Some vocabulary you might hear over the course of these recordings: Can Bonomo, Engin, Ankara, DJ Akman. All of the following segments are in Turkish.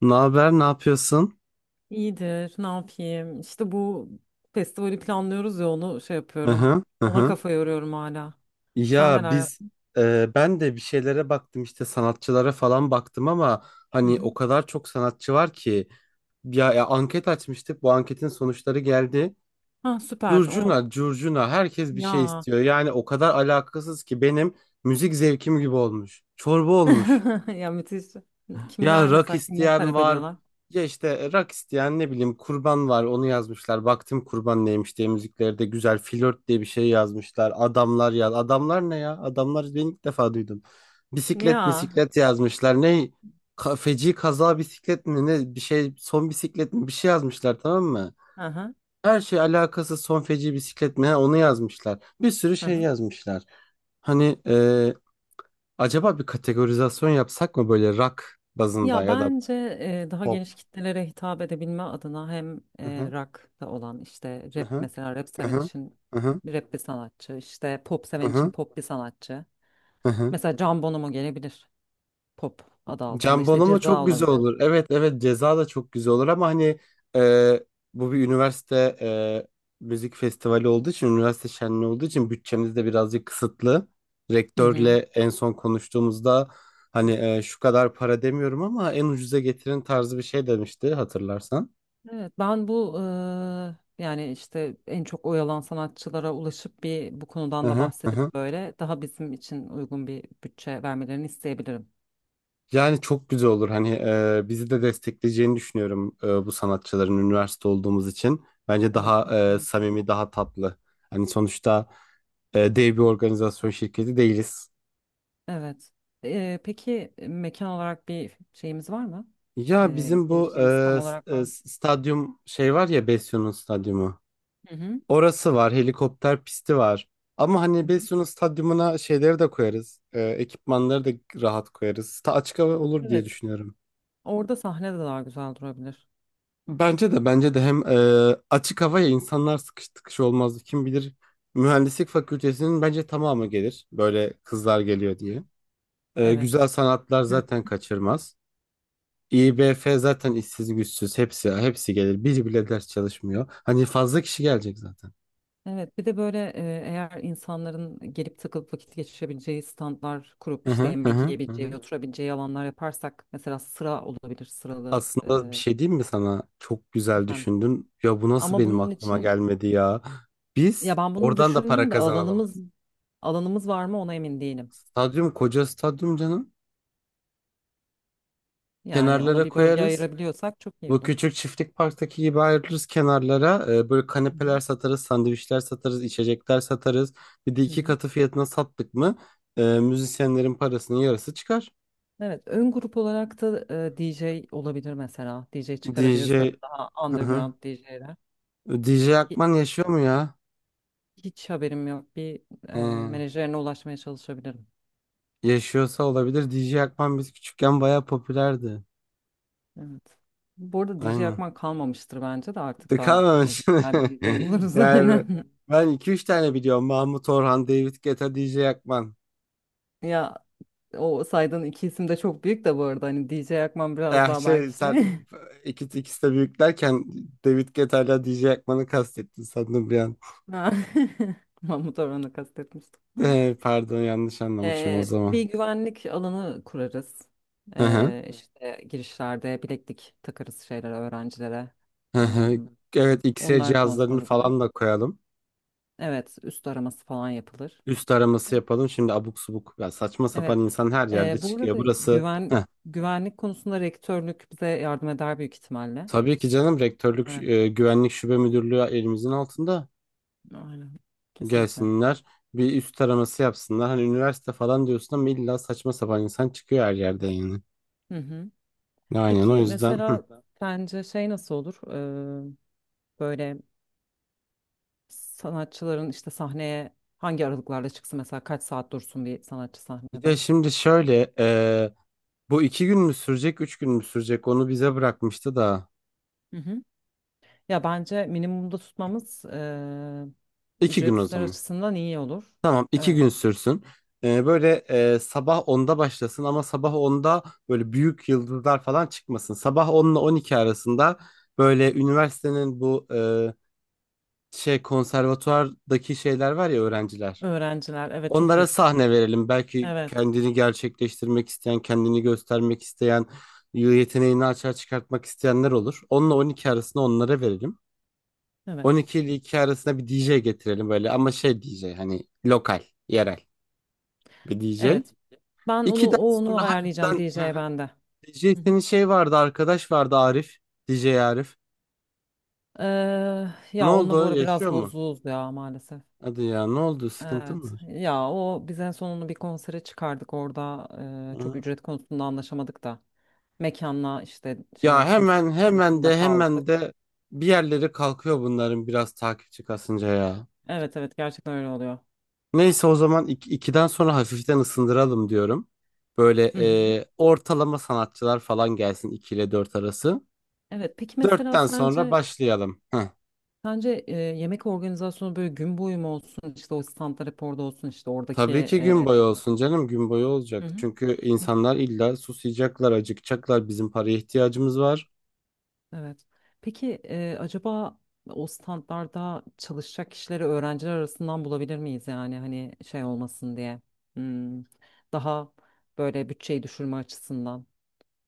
Ne haber, ne yapıyorsun? İyidir, ne yapayım? İşte bu festivali planlıyoruz ya, onu şey Hı yapıyorum. hı, hı Ona hı. kafa yoruyorum hala. Sen Ya neler biz. yaptın? Ben de bir şeylere baktım, işte sanatçılara falan baktım ama Hı hani hı. o kadar çok sanatçı var ki. Ya anket açmıştık, bu anketin sonuçları geldi. Ha, süper. O Curcuna curcuna herkes bir şey ya. istiyor, yani o kadar alakasız ki benim müzik zevkim gibi olmuş, çorba olmuş. Ya, müthiş. Ya Kimler rak mesela, kimleri isteyen talep var. ediyorlar? Ya işte rak isteyen, ne bileyim, kurban var, onu yazmışlar. Baktım kurban neymiş diye, müziklerde güzel flört diye bir şey yazmışlar. Adamlar yaz. Adamlar ne ya? Adamlar, ben ilk defa duydum. Bisiklet Ya. bisiklet yazmışlar. Ne? Feci kaza bisiklet mi ne bir şey, son bisiklet mi bir şey yazmışlar, tamam mı? Aha, Her şey alakası son feci bisiklet mi, ha, onu yazmışlar. Bir sürü şey aha. yazmışlar. Hani acaba bir kategorizasyon yapsak mı, böyle rock bazında Ya ya da bence daha pop. geniş kitlelere hitap edebilme adına hem Aha, rock'ta olan, işte rap, aha, mesela rap seven aha, için aha, rap bir sanatçı, işte pop seven için aha, pop bir sanatçı. aha. Mesela Can Bonomo gelebilir. Pop adı altında işte Jambon Ceza çok güzel olabilir. olur. Evet, evet, ceza da çok güzel olur ama hani e, bu bir üniversite, müzik festivali olduğu için, üniversite şenliği olduğu için bütçemiz de birazcık kısıtlı. Hı Rektörle hı. en son konuştuğumuzda hani şu kadar para demiyorum ama en ucuza getirin tarzı bir şey demişti, hatırlarsan. Evet, ben bu yani işte en çok oyalan sanatçılara ulaşıp bir bu konudan da Aha, aha. bahsedip böyle daha bizim için uygun bir bütçe vermelerini isteyebilirim. Yani çok güzel olur. Hani bizi de destekleyeceğini düşünüyorum bu sanatçıların, üniversite olduğumuz için. Bence Evet, daha kesinlikle. samimi, daha tatlı. Hani sonuçta dev bir organizasyon şirketi değiliz. Evet. Peki, mekan olarak bir şeyimiz var mı? Ya bizim bu Geliştiğimiz tam olarak ben. Stadyum şey var ya, Besyo'nun stadyumu. Hı hı. Orası var, helikopter pisti var. Ama Hı hani hı. Besyo'nun stadyumuna şeyleri de koyarız. Ekipmanları da rahat koyarız. Ta açık hava olur diye Evet. düşünüyorum. Orada sahne de daha güzel durabilir. Bence de, bence de hem açık havaya insanlar sıkış tıkış olmazdı. Kim bilir, mühendislik fakültesinin bence tamamı gelir. Böyle kızlar geliyor diye. Evet. Güzel sanatlar zaten kaçırmaz. İBF zaten işsiz güçsüz, hepsi gelir. Biri bile ders çalışmıyor. Hani fazla kişi gelecek zaten. Evet, bir de böyle, eğer insanların gelip takılıp vakit geçirebileceği standlar kurup Hı işte hı, hı yemek hı, hı hı. yiyebileceği, oturabileceği alanlar yaparsak, mesela sıra olabilir, sıralı. Aslında bir şey diyeyim mi sana? Çok güzel Efendim? düşündün. Ya bu nasıl Ama benim bunun aklıma için, gelmedi ya? ya Biz ben bunu oradan da para düşündüm de kazanalım. alanımız var mı ona emin değilim. Stadyum, koca stadyum canım. Yani ona Kenarlara bir bölge koyarız. ayırabiliyorsak çok iyi Bu olur. küçük çiftlik parktaki gibi ayrılırız kenarlara. Böyle Hı kanepeler satarız, sandviçler satarız, içecekler satarız. Bir de hı. Hı iki hı. katı fiyatına sattık mı müzisyenlerin parasının yarısı çıkar. Evet, ön grup olarak da DJ olabilir mesela. DJ çıkarabiliriz, böyle DJ, daha hı hı. underground DJ'ler. DJ Akman yaşıyor mu ya? Hiç haberim yok. Bir He, menajerine ulaşmaya çalışabilirim. yaşıyorsa olabilir. DJ Akman biz küçükken bayağı popülerdi. Evet. Bu arada DJ Aynen. Akman kalmamıştır bence de, artık De daha hani kalmamış. güzel bir DJ buluruz. Yani Aynen. ben iki üç tane biliyorum. Mahmut Orhan, David Guetta, DJ Akman. Ya, o saydığın iki isim de çok büyük de bu arada, hani DJ Akman biraz Eh, daha şey belki sen şey. iki ikisi de büyük derken David Guetta'yla DJ Ekman'ı kastettin sandım bir an. Ha. Mahmut Orhan'ı kastetmiştim. Eh, pardon, yanlış anlamışım o Bir zaman. güvenlik alanı kurarız. Hı hı, İşte girişlerde bileklik takarız şeylere, öğrencilere. hı hı. Em, Evet, X-ray onlar cihazlarını kontrol edilir. falan da koyalım. Evet, üst araması falan yapılır. Üst araması yapalım. Şimdi abuk subuk ya, saçma sapan Evet. insan her yerde Bu çıkıyor. arada Burası. Heh, güvenlik konusunda rektörlük bize yardım eder büyük ihtimalle. tabii ki canım, rektörlük Evet, güvenlik şube müdürlüğü elimizin altında. aynen. Kesinlikle. Gelsinler bir üst araması yapsınlar. Hani üniversite falan diyorsun ama illa saçma sapan insan çıkıyor her yerde yani. Hı hı. Aynen, o Peki yüzden. mesela sence şey nasıl olur? Ee, Böyle sanatçıların, işte sahneye hangi aralıklarla çıksın, mesela kaç saat dursun bir sanatçı Bir de sahnede? şimdi şöyle bu iki gün mü sürecek, üç gün mü sürecek, onu bize bırakmıştı da Hı hı. Ya bence minimumda tutmamız iki gün o ücretler zaman. açısından iyi olur. Tamam, iki Evet. gün sürsün. Böyle sabah 10'da başlasın, ama sabah 10'da böyle büyük yıldızlar falan çıkmasın. Sabah 10 ile 12 arasında böyle üniversitenin bu şey, konservatuvardaki şeyler var ya, öğrenciler. Öğrenciler, evet, çok Onlara iyi fikir. sahne verelim. Belki Evet. kendini gerçekleştirmek isteyen, kendini göstermek isteyen, yeteneğini açığa çıkartmak isteyenler olur. Onunla 12 arasında onlara verelim. On Evet. iki ile 2 arasında bir DJ getirelim böyle, ama şey DJ, hani lokal, yerel bir DJ. Evet. Ben onu 2'den onu sonra ayarlayacağım, hafiften DJ bende. DJ, Hı hı. senin şey vardı, arkadaş vardı, Arif. DJ Arif. Ee, Ne Ya onunla bu oldu? ara biraz Yaşıyor mu? bozuğuz ya, maalesef. Hadi ya, ne oldu? Sıkıntı Evet. mı Ya o, biz en sonunu bir konsere çıkardık orada. Çok var? ücret konusunda anlaşamadık da. Mekanla işte şey Ya arasında hemen hemen arasında de, hemen kaldık. de bir yerleri kalkıyor bunların biraz takipçi kasınca ya. Evet, evet, gerçekten öyle oluyor. Neyse, o zaman iki, ikiden sonra hafiften ısındıralım diyorum. Böyle Hı hı. Ortalama sanatçılar falan gelsin, 2 ile 4 arası. Evet, peki mesela Dörtten sonra sence başlayalım. Heh. sence yemek organizasyonu böyle gün boyu mu olsun, işte o standlar hep orada olsun, işte oradaki Tabii ki gün boyu olsun canım, gün boyu hı olacak. hı. Çünkü insanlar illa susayacaklar, acıkacaklar. Bizim paraya ihtiyacımız var. Evet. Peki acaba o standlarda çalışacak kişileri öğrenciler arasından bulabilir miyiz, yani hani şey olmasın diye, Hmm, daha böyle bütçeyi düşürme açısından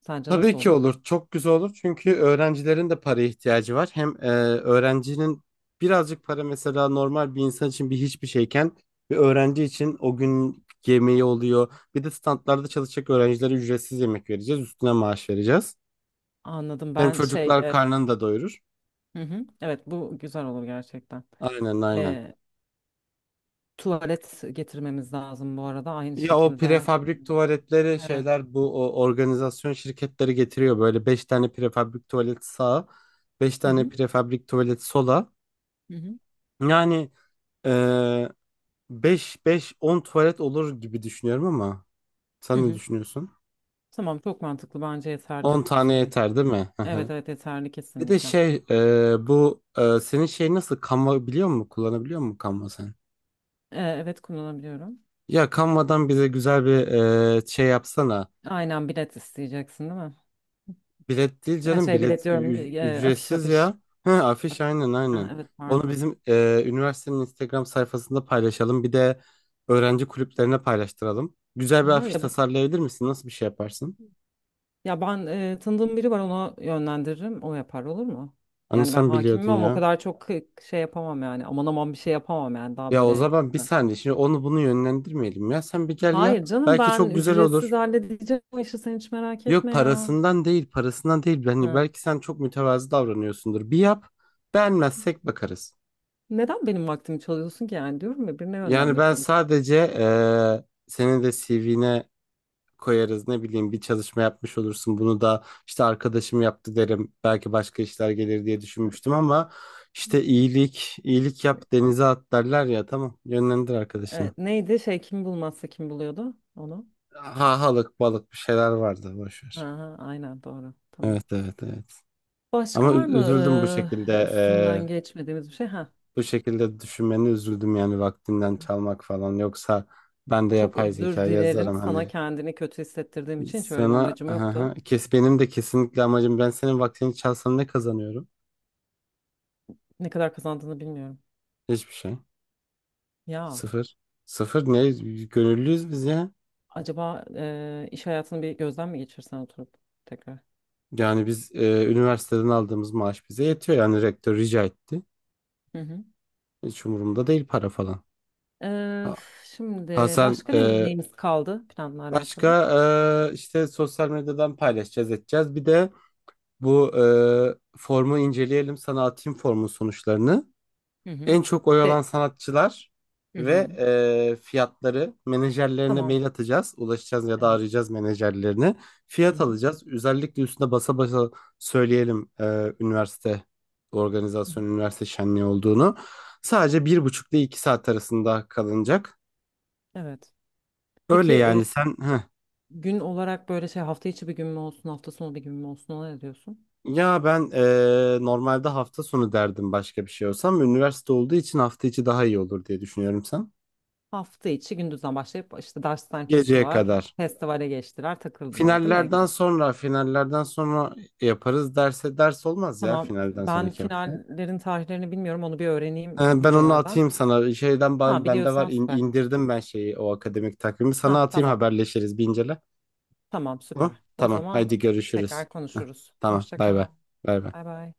sence Tabii nasıl ki olur? olur. Çok güzel olur. Çünkü öğrencilerin de paraya ihtiyacı var. Hem öğrencinin birazcık para, mesela normal bir insan için bir hiçbir şeyken bir öğrenci için o gün yemeği oluyor. Bir de standlarda çalışacak öğrencilere ücretsiz yemek vereceğiz. Üstüne maaş vereceğiz. Anladım. Hem Ben şey çocuklar karnını da doyurur. hı hı, evet, bu güzel olur gerçekten. Aynen, aynen. E, Tuvalet getirmemiz lazım bu arada aynı Ya o şekilde. prefabrik tuvaletleri, Evet. şeyler bu, o organizasyon şirketleri getiriyor. Böyle 5 tane prefabrik tuvalet sağa, 5 Hı tane hı, prefabrik tuvalet sola. hı hı, Yani ee, 5 5 10 tuvalet olur gibi düşünüyorum ama hı sen ne hı. düşünüyorsun? Tamam, çok mantıklı, bence yeterli 10 bu tane sayı. yeter, değil mi? Hı Evet, hı. evet, yeterli Bir de kesinlikle. şey bu senin şey nasıl, Canva biliyor musun? Kullanabiliyor musun Canva sen? Evet, kullanabiliyorum. Ya Canva'dan bize güzel bir şey yapsana. Aynen, bilet isteyeceksin değil mi? Bilet değil Yani canım, şey bilet bilet diyorum, afiş, ücretsiz afiş. ya. Hı, Af- afiş, aynen Ha, aynen. evet, Onu pardon. bizim üniversitenin Instagram sayfasında paylaşalım. Bir de öğrenci kulüplerine paylaştıralım. Güzel bir Aha, afiş ya, tasarlayabilir misin? Nasıl bir şey yaparsın? ya ben tanıdığım biri var, ona yönlendiririm. O yapar, olur mu? Hani Yani ben sen hakimim biliyordun ama o ya. kadar çok şey yapamam yani. Aman aman, bir şey yapamam yani, daha Ya o böyle. zaman bir saniye, şimdi onu bunu yönlendirmeyelim ya. Sen bir gel, yap. Hayır canım, Belki ben çok güzel ücretsiz olur. halledeceğim o işi, sen hiç merak Yok, etme ya. parasından değil, parasından değil. Yani Ha. belki sen çok mütevazı davranıyorsundur. Bir yap. Beğenmezsek bakarız. Neden benim vaktimi çalıyorsun ki yani, diyorum ya, birine Yani ben yönlendireceğim. sadece senin de CV'ne koyarız. Ne bileyim, bir çalışma yapmış olursun. Bunu da işte arkadaşım yaptı derim. Belki başka işler gelir diye düşünmüştüm ama işte iyilik yap denize at derler ya. Tamam, yönlendir arkadaşını. Evet, neydi şey, kim bulmazsa kim buluyordu onu? Hahalık balık bir şeyler vardı. Boş Ha, ver. ha, aynen, doğru. Tamam. Evet, evet, evet. Başka Ama var mı üzüldüm bu şekilde, üstünden geçmediğimiz bir şey? Ha, bu şekilde düşünmeni üzüldüm yani, vaktinden çalmak falan. Yoksa ben de çok yapay zeka özür dilerim. yazarım Sana hani kendini kötü hissettirdiğim için, şöyle bir sana, amacım yoktu. aha kes, benim de kesinlikle amacım, ben senin vaktini çalsam ne kazanıyorum? Ne kadar kazandığını bilmiyorum. Hiçbir şey. Ya Sıfır. Sıfır ne? Gönüllüyüz biz ya. acaba iş hayatını bir gözden mi geçirsen, oturup tekrar? Yani biz üniversiteden aldığımız maaş bize yetiyor. Yani rektör rica etti. Hı hı. Hiç umurumda değil para falan. Eee, Ha, ha, şimdi sen. başka neyimiz kaldı, planla alakalı? Başka işte sosyal medyadan paylaşacağız, edeceğiz. Bir de bu formu inceleyelim. Sana atayım formun sonuçlarını. Hı hı. En çok oy De, alan sanatçılar hı ve hı. Fiyatları menajerlerine Tamam. mail atacağız. Ulaşacağız ya da Evet. arayacağız menajerlerini. Hı Fiyat hı. alacağız. Özellikle üstüne basa basa söyleyelim üniversite Hı hı. organizasyon, üniversite şenliği olduğunu. Sadece bir buçuk ile iki saat arasında kalınacak. Evet. Peki Öyle yani sen... Heh. gün olarak böyle şey, hafta içi bir gün mü olsun, hafta sonu bir gün mü olsun? Ona ne diyorsun? Ya ben normalde hafta sonu derdim başka bir şey olsam. Üniversite olduğu için hafta içi daha iyi olur diye düşünüyorum, sen. Hafta içi, gündüzden başlayıp işte dersten Geceye çıktılar, kadar. festivale geçtiler, takıldılar, değil mi Ege? Finallerden sonra, finallerden sonra yaparız. Derse ders olmaz ya Tamam. finalden Ben sonraki hafta. finallerin tarihlerini bilmiyorum, onu bir öğreneyim Ben onu hocalardan. atayım sana. Şeyden Ha, ben, bende var, biliyorsan süper. indirdim ben şeyi, o akademik takvimi. Sana Ha, atayım, tamam. haberleşiriz, bir incele. Tamam, Hı? süper. O Tamam. zaman Haydi, görüşürüz. tekrar Heh, konuşuruz. tamam. Hoşça Bay bay. kal. Bay Bay bay. bay.